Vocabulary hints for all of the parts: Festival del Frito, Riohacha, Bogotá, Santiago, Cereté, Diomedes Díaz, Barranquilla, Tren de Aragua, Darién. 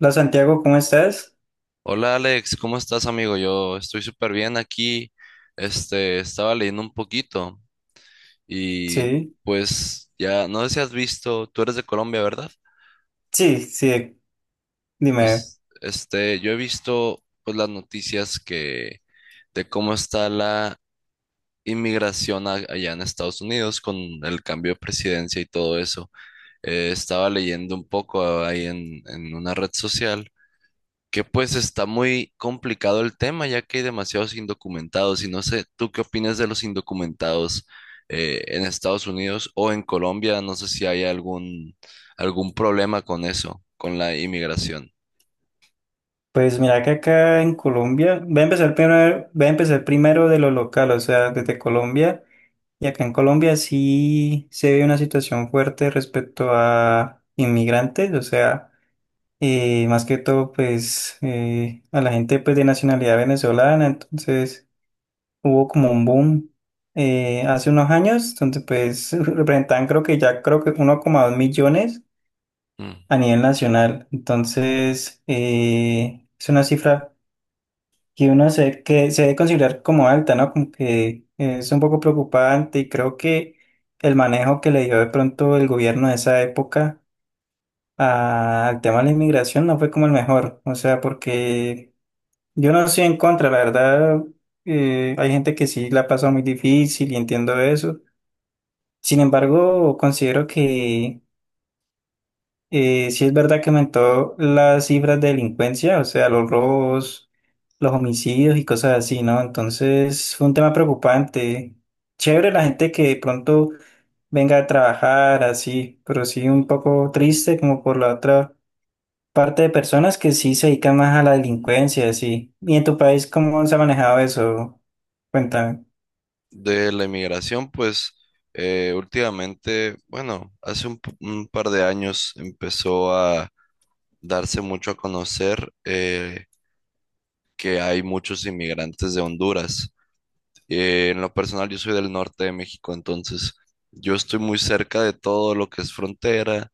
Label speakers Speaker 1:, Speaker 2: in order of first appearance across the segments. Speaker 1: Hola Santiago, ¿cómo estás?
Speaker 2: Hola Alex, ¿cómo estás amigo? Yo estoy súper bien aquí. Este, estaba leyendo un poquito y
Speaker 1: Sí,
Speaker 2: pues ya, no sé si has visto, tú eres de Colombia, ¿verdad?
Speaker 1: sí, sí, dime.
Speaker 2: Pues este, yo he visto pues las noticias que de cómo está la allá en Estados Unidos con el cambio de presidencia y todo eso. Estaba leyendo un poco ahí en una red social que pues está muy complicado el tema, ya que hay demasiados indocumentados y no sé, ¿tú qué opinas de los indocumentados en Estados Unidos o en Colombia? No sé si hay algún, algún problema con eso, con la inmigración.
Speaker 1: Pues mira que acá en Colombia, voy a empezar primero de lo local, o sea, desde Colombia. Y acá en Colombia sí se ve una situación fuerte respecto a inmigrantes, o sea, más que todo pues a la gente pues de nacionalidad venezolana, entonces hubo como un boom hace unos años, donde pues representaban creo que 1,2 millones
Speaker 2: Mm.
Speaker 1: a nivel nacional. Entonces, es una cifra que se debe considerar como alta, ¿no? Como que es un poco preocupante y creo que el manejo que le dio de pronto el gobierno de esa época al tema de la inmigración no fue como el mejor. O sea, porque yo no estoy en contra, la verdad, hay gente que sí la pasa muy difícil y entiendo eso. Sin embargo, considero que sí es verdad que aumentó las cifras de delincuencia, o sea, los robos, los homicidios y cosas así, ¿no? Entonces fue un tema preocupante. Chévere la gente que de pronto venga a trabajar así, pero sí un poco triste como por la otra parte de personas que sí se dedican más a la delincuencia, así. ¿Y en tu país cómo se ha manejado eso? Cuéntame.
Speaker 2: De la inmigración, pues últimamente, bueno, un par de años empezó a darse mucho a conocer. Que hay muchos inmigrantes de Honduras. En lo personal, yo soy del norte de México, entonces yo estoy muy cerca de todo lo que es frontera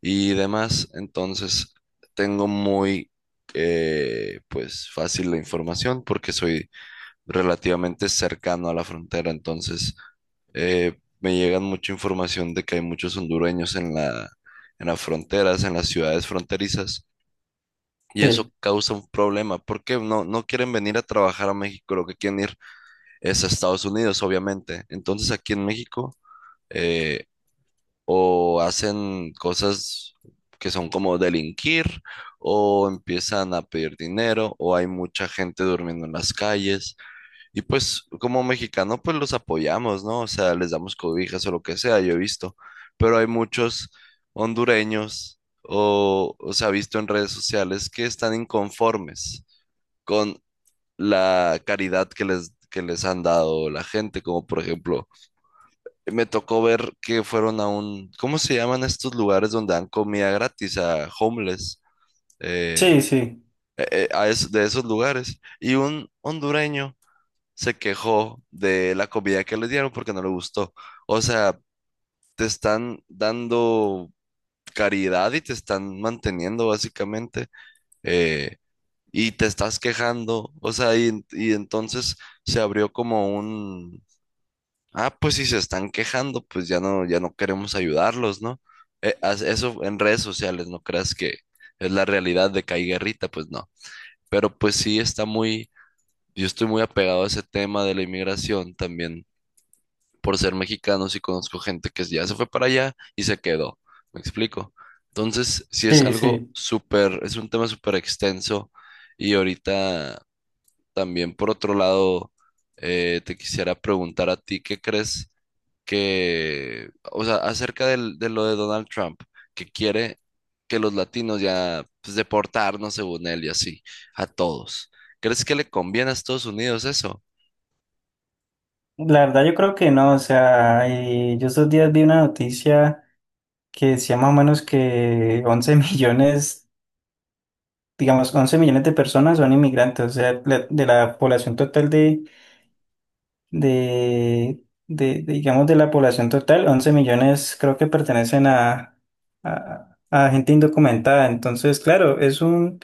Speaker 2: y demás, entonces tengo muy pues fácil la información porque soy relativamente cercano a la frontera, entonces me llegan mucha información de que hay muchos hondureños en en las fronteras, en las ciudades fronterizas. Y eso
Speaker 1: Sí,
Speaker 2: causa un problema, porque no, no quieren venir a trabajar a México, lo que quieren ir es a Estados Unidos, obviamente. Entonces aquí en México eh, o hacen cosas que son como delinquir, o empiezan a pedir dinero, o hay mucha gente durmiendo en las calles, y pues como mexicano, pues los apoyamos, ¿no? O sea, les damos cobijas o lo que sea, yo he visto. Pero hay muchos hondureños o se ha visto en redes sociales que están inconformes con la caridad que les han dado la gente. Como por ejemplo, me tocó ver que fueron a un, ¿cómo se llaman estos lugares donde dan comida gratis a homeless? Eh,
Speaker 1: sí, sí,
Speaker 2: de esos lugares. Y un hondureño se quejó de la comida que le dieron porque no le gustó. O sea, te están dando caridad y te están manteniendo básicamente eh, y te estás quejando. O sea, y entonces se abrió como un, ah, pues si se están quejando, pues ya no, ya no queremos ayudarlos, ¿no? Eso en redes sociales, no creas que es la realidad de que hay guerrita, pues no. Pero pues sí está muy, yo estoy muy apegado a ese tema de la inmigración también por ser mexicanos y conozco gente que ya se fue para allá y se quedó. ¿Me explico? Entonces, sí es
Speaker 1: sí,
Speaker 2: algo
Speaker 1: sí.
Speaker 2: súper, es un tema súper extenso y ahorita también por otro lado, te quisiera preguntar a ti, ¿qué crees que, o sea, acerca de lo de Donald Trump, que quiere que los latinos ya, pues, deportarnos según él y así, a todos? ¿Crees que le conviene a Estados Unidos eso?
Speaker 1: La verdad yo creo que no, o sea, yo estos días vi una noticia que decía más o menos que 11 millones, digamos, 11 millones de personas son inmigrantes, o sea, de la población total de, digamos, de la población total, 11 millones creo que pertenecen a gente indocumentada. Entonces, claro, es un,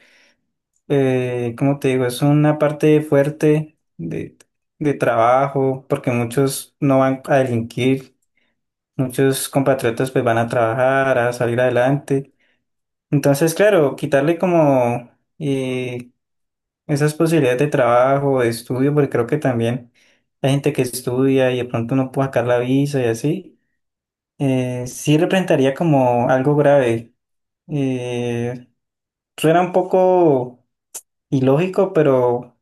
Speaker 1: ¿cómo te digo? Es una parte fuerte de trabajo, porque muchos no van a delinquir. Muchos compatriotas pues van a trabajar, a salir adelante. Entonces, claro, quitarle como eh, esas posibilidades de trabajo, de estudio, porque creo que también hay gente que estudia y de pronto no puede sacar la visa y así, sí representaría como algo grave. Eh, Suena un poco ilógico, pero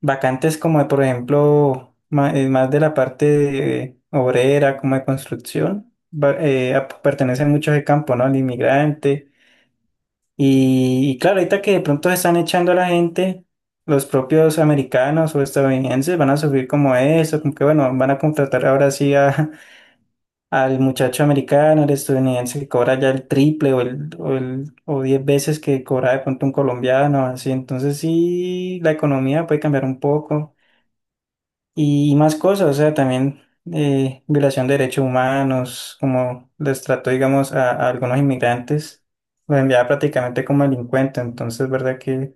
Speaker 1: vacantes como, de, por ejemplo, más, de la parte de obrera, como de construcción, pertenecen mucho a ese campo, ¿no? Al inmigrante. Y claro, ahorita que de pronto se están echando a la gente, los propios americanos o estadounidenses van a subir como eso, como que bueno, van a contratar ahora sí al muchacho americano, al estadounidense que cobra ya el triple o 10 veces que cobra de pronto un colombiano, así. Entonces sí, la economía puede cambiar un poco y más cosas, o sea, también violación de derechos humanos, como les trató, digamos, a algunos inmigrantes, los enviaba prácticamente como delincuentes, entonces, ¿verdad que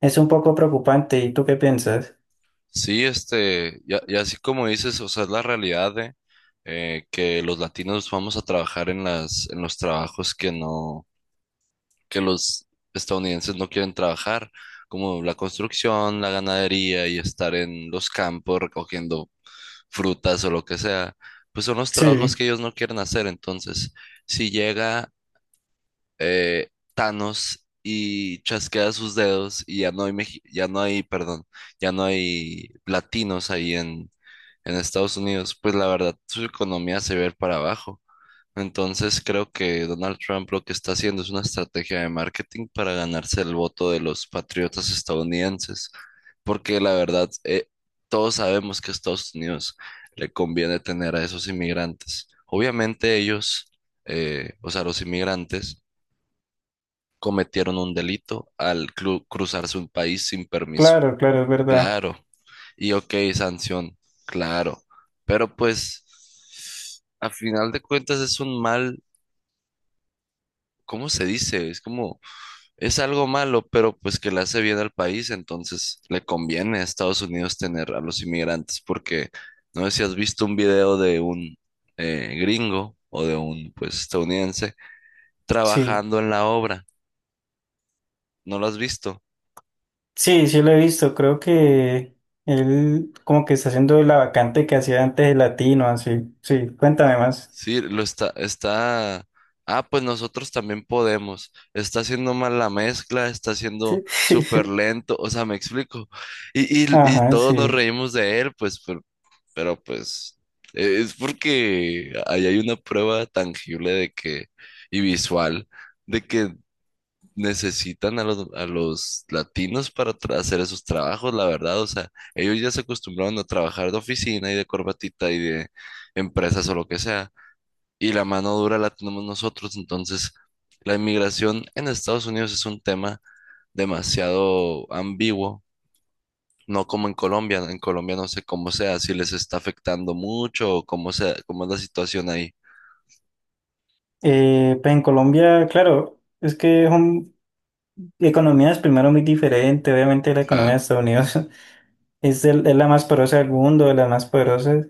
Speaker 1: es un poco preocupante? ¿Y tú qué piensas?
Speaker 2: Sí, este, ya, ya así como dices, o sea, es la realidad de que los latinos vamos a trabajar en en los trabajos que no, que los estadounidenses no quieren trabajar, como la construcción, la ganadería y estar en los campos recogiendo frutas o lo que sea, pues son los trabajos
Speaker 1: Sí,
Speaker 2: que ellos no quieren hacer. Entonces, si llega eh, Thanos y chasquea sus dedos y ya no hay, perdón, ya no hay latinos ahí en Estados Unidos, pues la verdad su economía se ve para abajo. Entonces creo que Donald Trump lo que está haciendo es una estrategia de marketing para ganarse el voto de los patriotas estadounidenses, porque la verdad todos sabemos que a Estados Unidos le conviene tener a esos inmigrantes. Obviamente ellos, o sea, los inmigrantes, cometieron un delito al cruzarse un país sin permiso.
Speaker 1: claro, claro, es verdad.
Speaker 2: Claro. Y ok, sanción. Claro. Pero pues, a final de cuentas es un mal, ¿cómo se dice? Es como, es algo malo, pero pues que le hace bien al país, entonces le conviene a Estados Unidos tener a los inmigrantes, porque no sé si has visto un video de un gringo o de un pues estadounidense
Speaker 1: Sí,
Speaker 2: trabajando en la obra. ¿No lo has visto?
Speaker 1: sí, sí lo he visto, creo que él como que está haciendo la vacante que hacía antes de Latino, así, sí, cuéntame más.
Speaker 2: Sí, lo está, está, ah, pues nosotros también podemos. Está haciendo mal la mezcla, está haciendo
Speaker 1: Sí.
Speaker 2: súper lento, o sea, me explico. Y
Speaker 1: Ajá,
Speaker 2: todos nos
Speaker 1: sí.
Speaker 2: reímos de él, pues, pero, pues, es porque ahí hay una prueba tangible de que, y visual, de que necesitan a a los latinos para hacer esos trabajos, la verdad. O sea, ellos ya se acostumbraron a trabajar de oficina y de corbatita y de empresas o lo que sea y la mano dura la tenemos nosotros. Entonces, la inmigración en Estados Unidos es un tema demasiado ambiguo, no como en Colombia. En Colombia no sé cómo sea, si les está afectando mucho o cómo sea, cómo es la situación ahí.
Speaker 1: Pues en Colombia, claro, es que es un economías primero muy diferente, obviamente la economía de
Speaker 2: Claro.
Speaker 1: Estados Unidos es, es la más poderosa del mundo, de las más poderosas.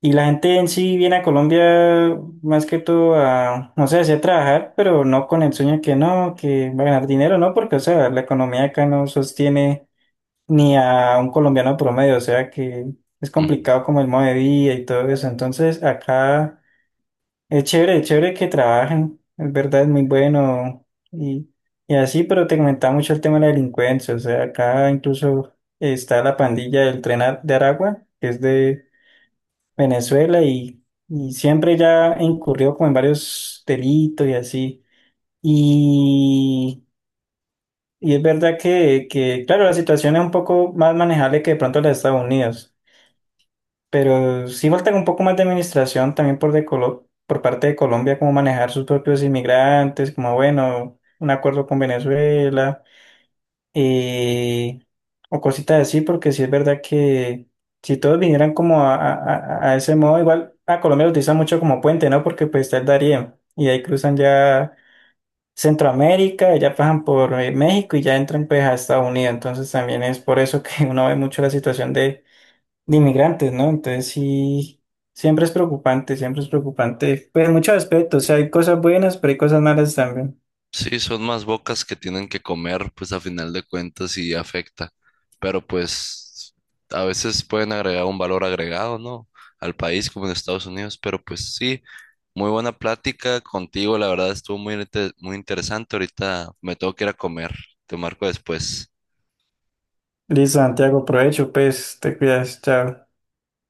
Speaker 1: Y la gente en sí viene a Colombia más que todo a, no sé, así a trabajar, pero no con el sueño que no, que va a ganar dinero, no, porque, o sea, la economía acá no sostiene ni a un colombiano promedio, o sea que es
Speaker 2: Mm.
Speaker 1: complicado como el modo de vida y todo eso. Entonces, acá. Es chévere que trabajen, es verdad, es muy bueno y, y así, pero te comentaba mucho el tema de la delincuencia, o sea, acá incluso está la pandilla del de Aragua, que es de Venezuela y siempre ya incurrió como en varios delitos y así. Y, y es verdad que, claro, la situación es un poco más manejable que de pronto la de Estados Unidos. Pero sí falta un poco más de administración también por parte de Colombia, como manejar sus propios inmigrantes, como bueno, un acuerdo con Venezuela eh, o cositas así, porque sí es verdad que si todos vinieran como a ese modo, igual a Colombia lo utilizan mucho como puente, ¿no? Porque pues está el Darién y de ahí cruzan ya Centroamérica, y ya pasan por México y ya entran pues a Estados Unidos, entonces también es por eso que uno ve mucho la situación de inmigrantes, ¿no? Entonces sí, siempre es preocupante, pues en muchos aspectos, o sea, hay cosas buenas, pero hay cosas malas también.
Speaker 2: Sí, son más bocas que tienen que comer, pues a final de cuentas y afecta. Pero pues a veces pueden agregar un valor agregado, ¿no? Al país como en Estados Unidos. Pero pues sí, muy buena plática contigo. La verdad estuvo muy interesante. Ahorita me tengo que ir a comer. Te marco después.
Speaker 1: Listo, Santiago, provecho, pues, te cuidas, chao.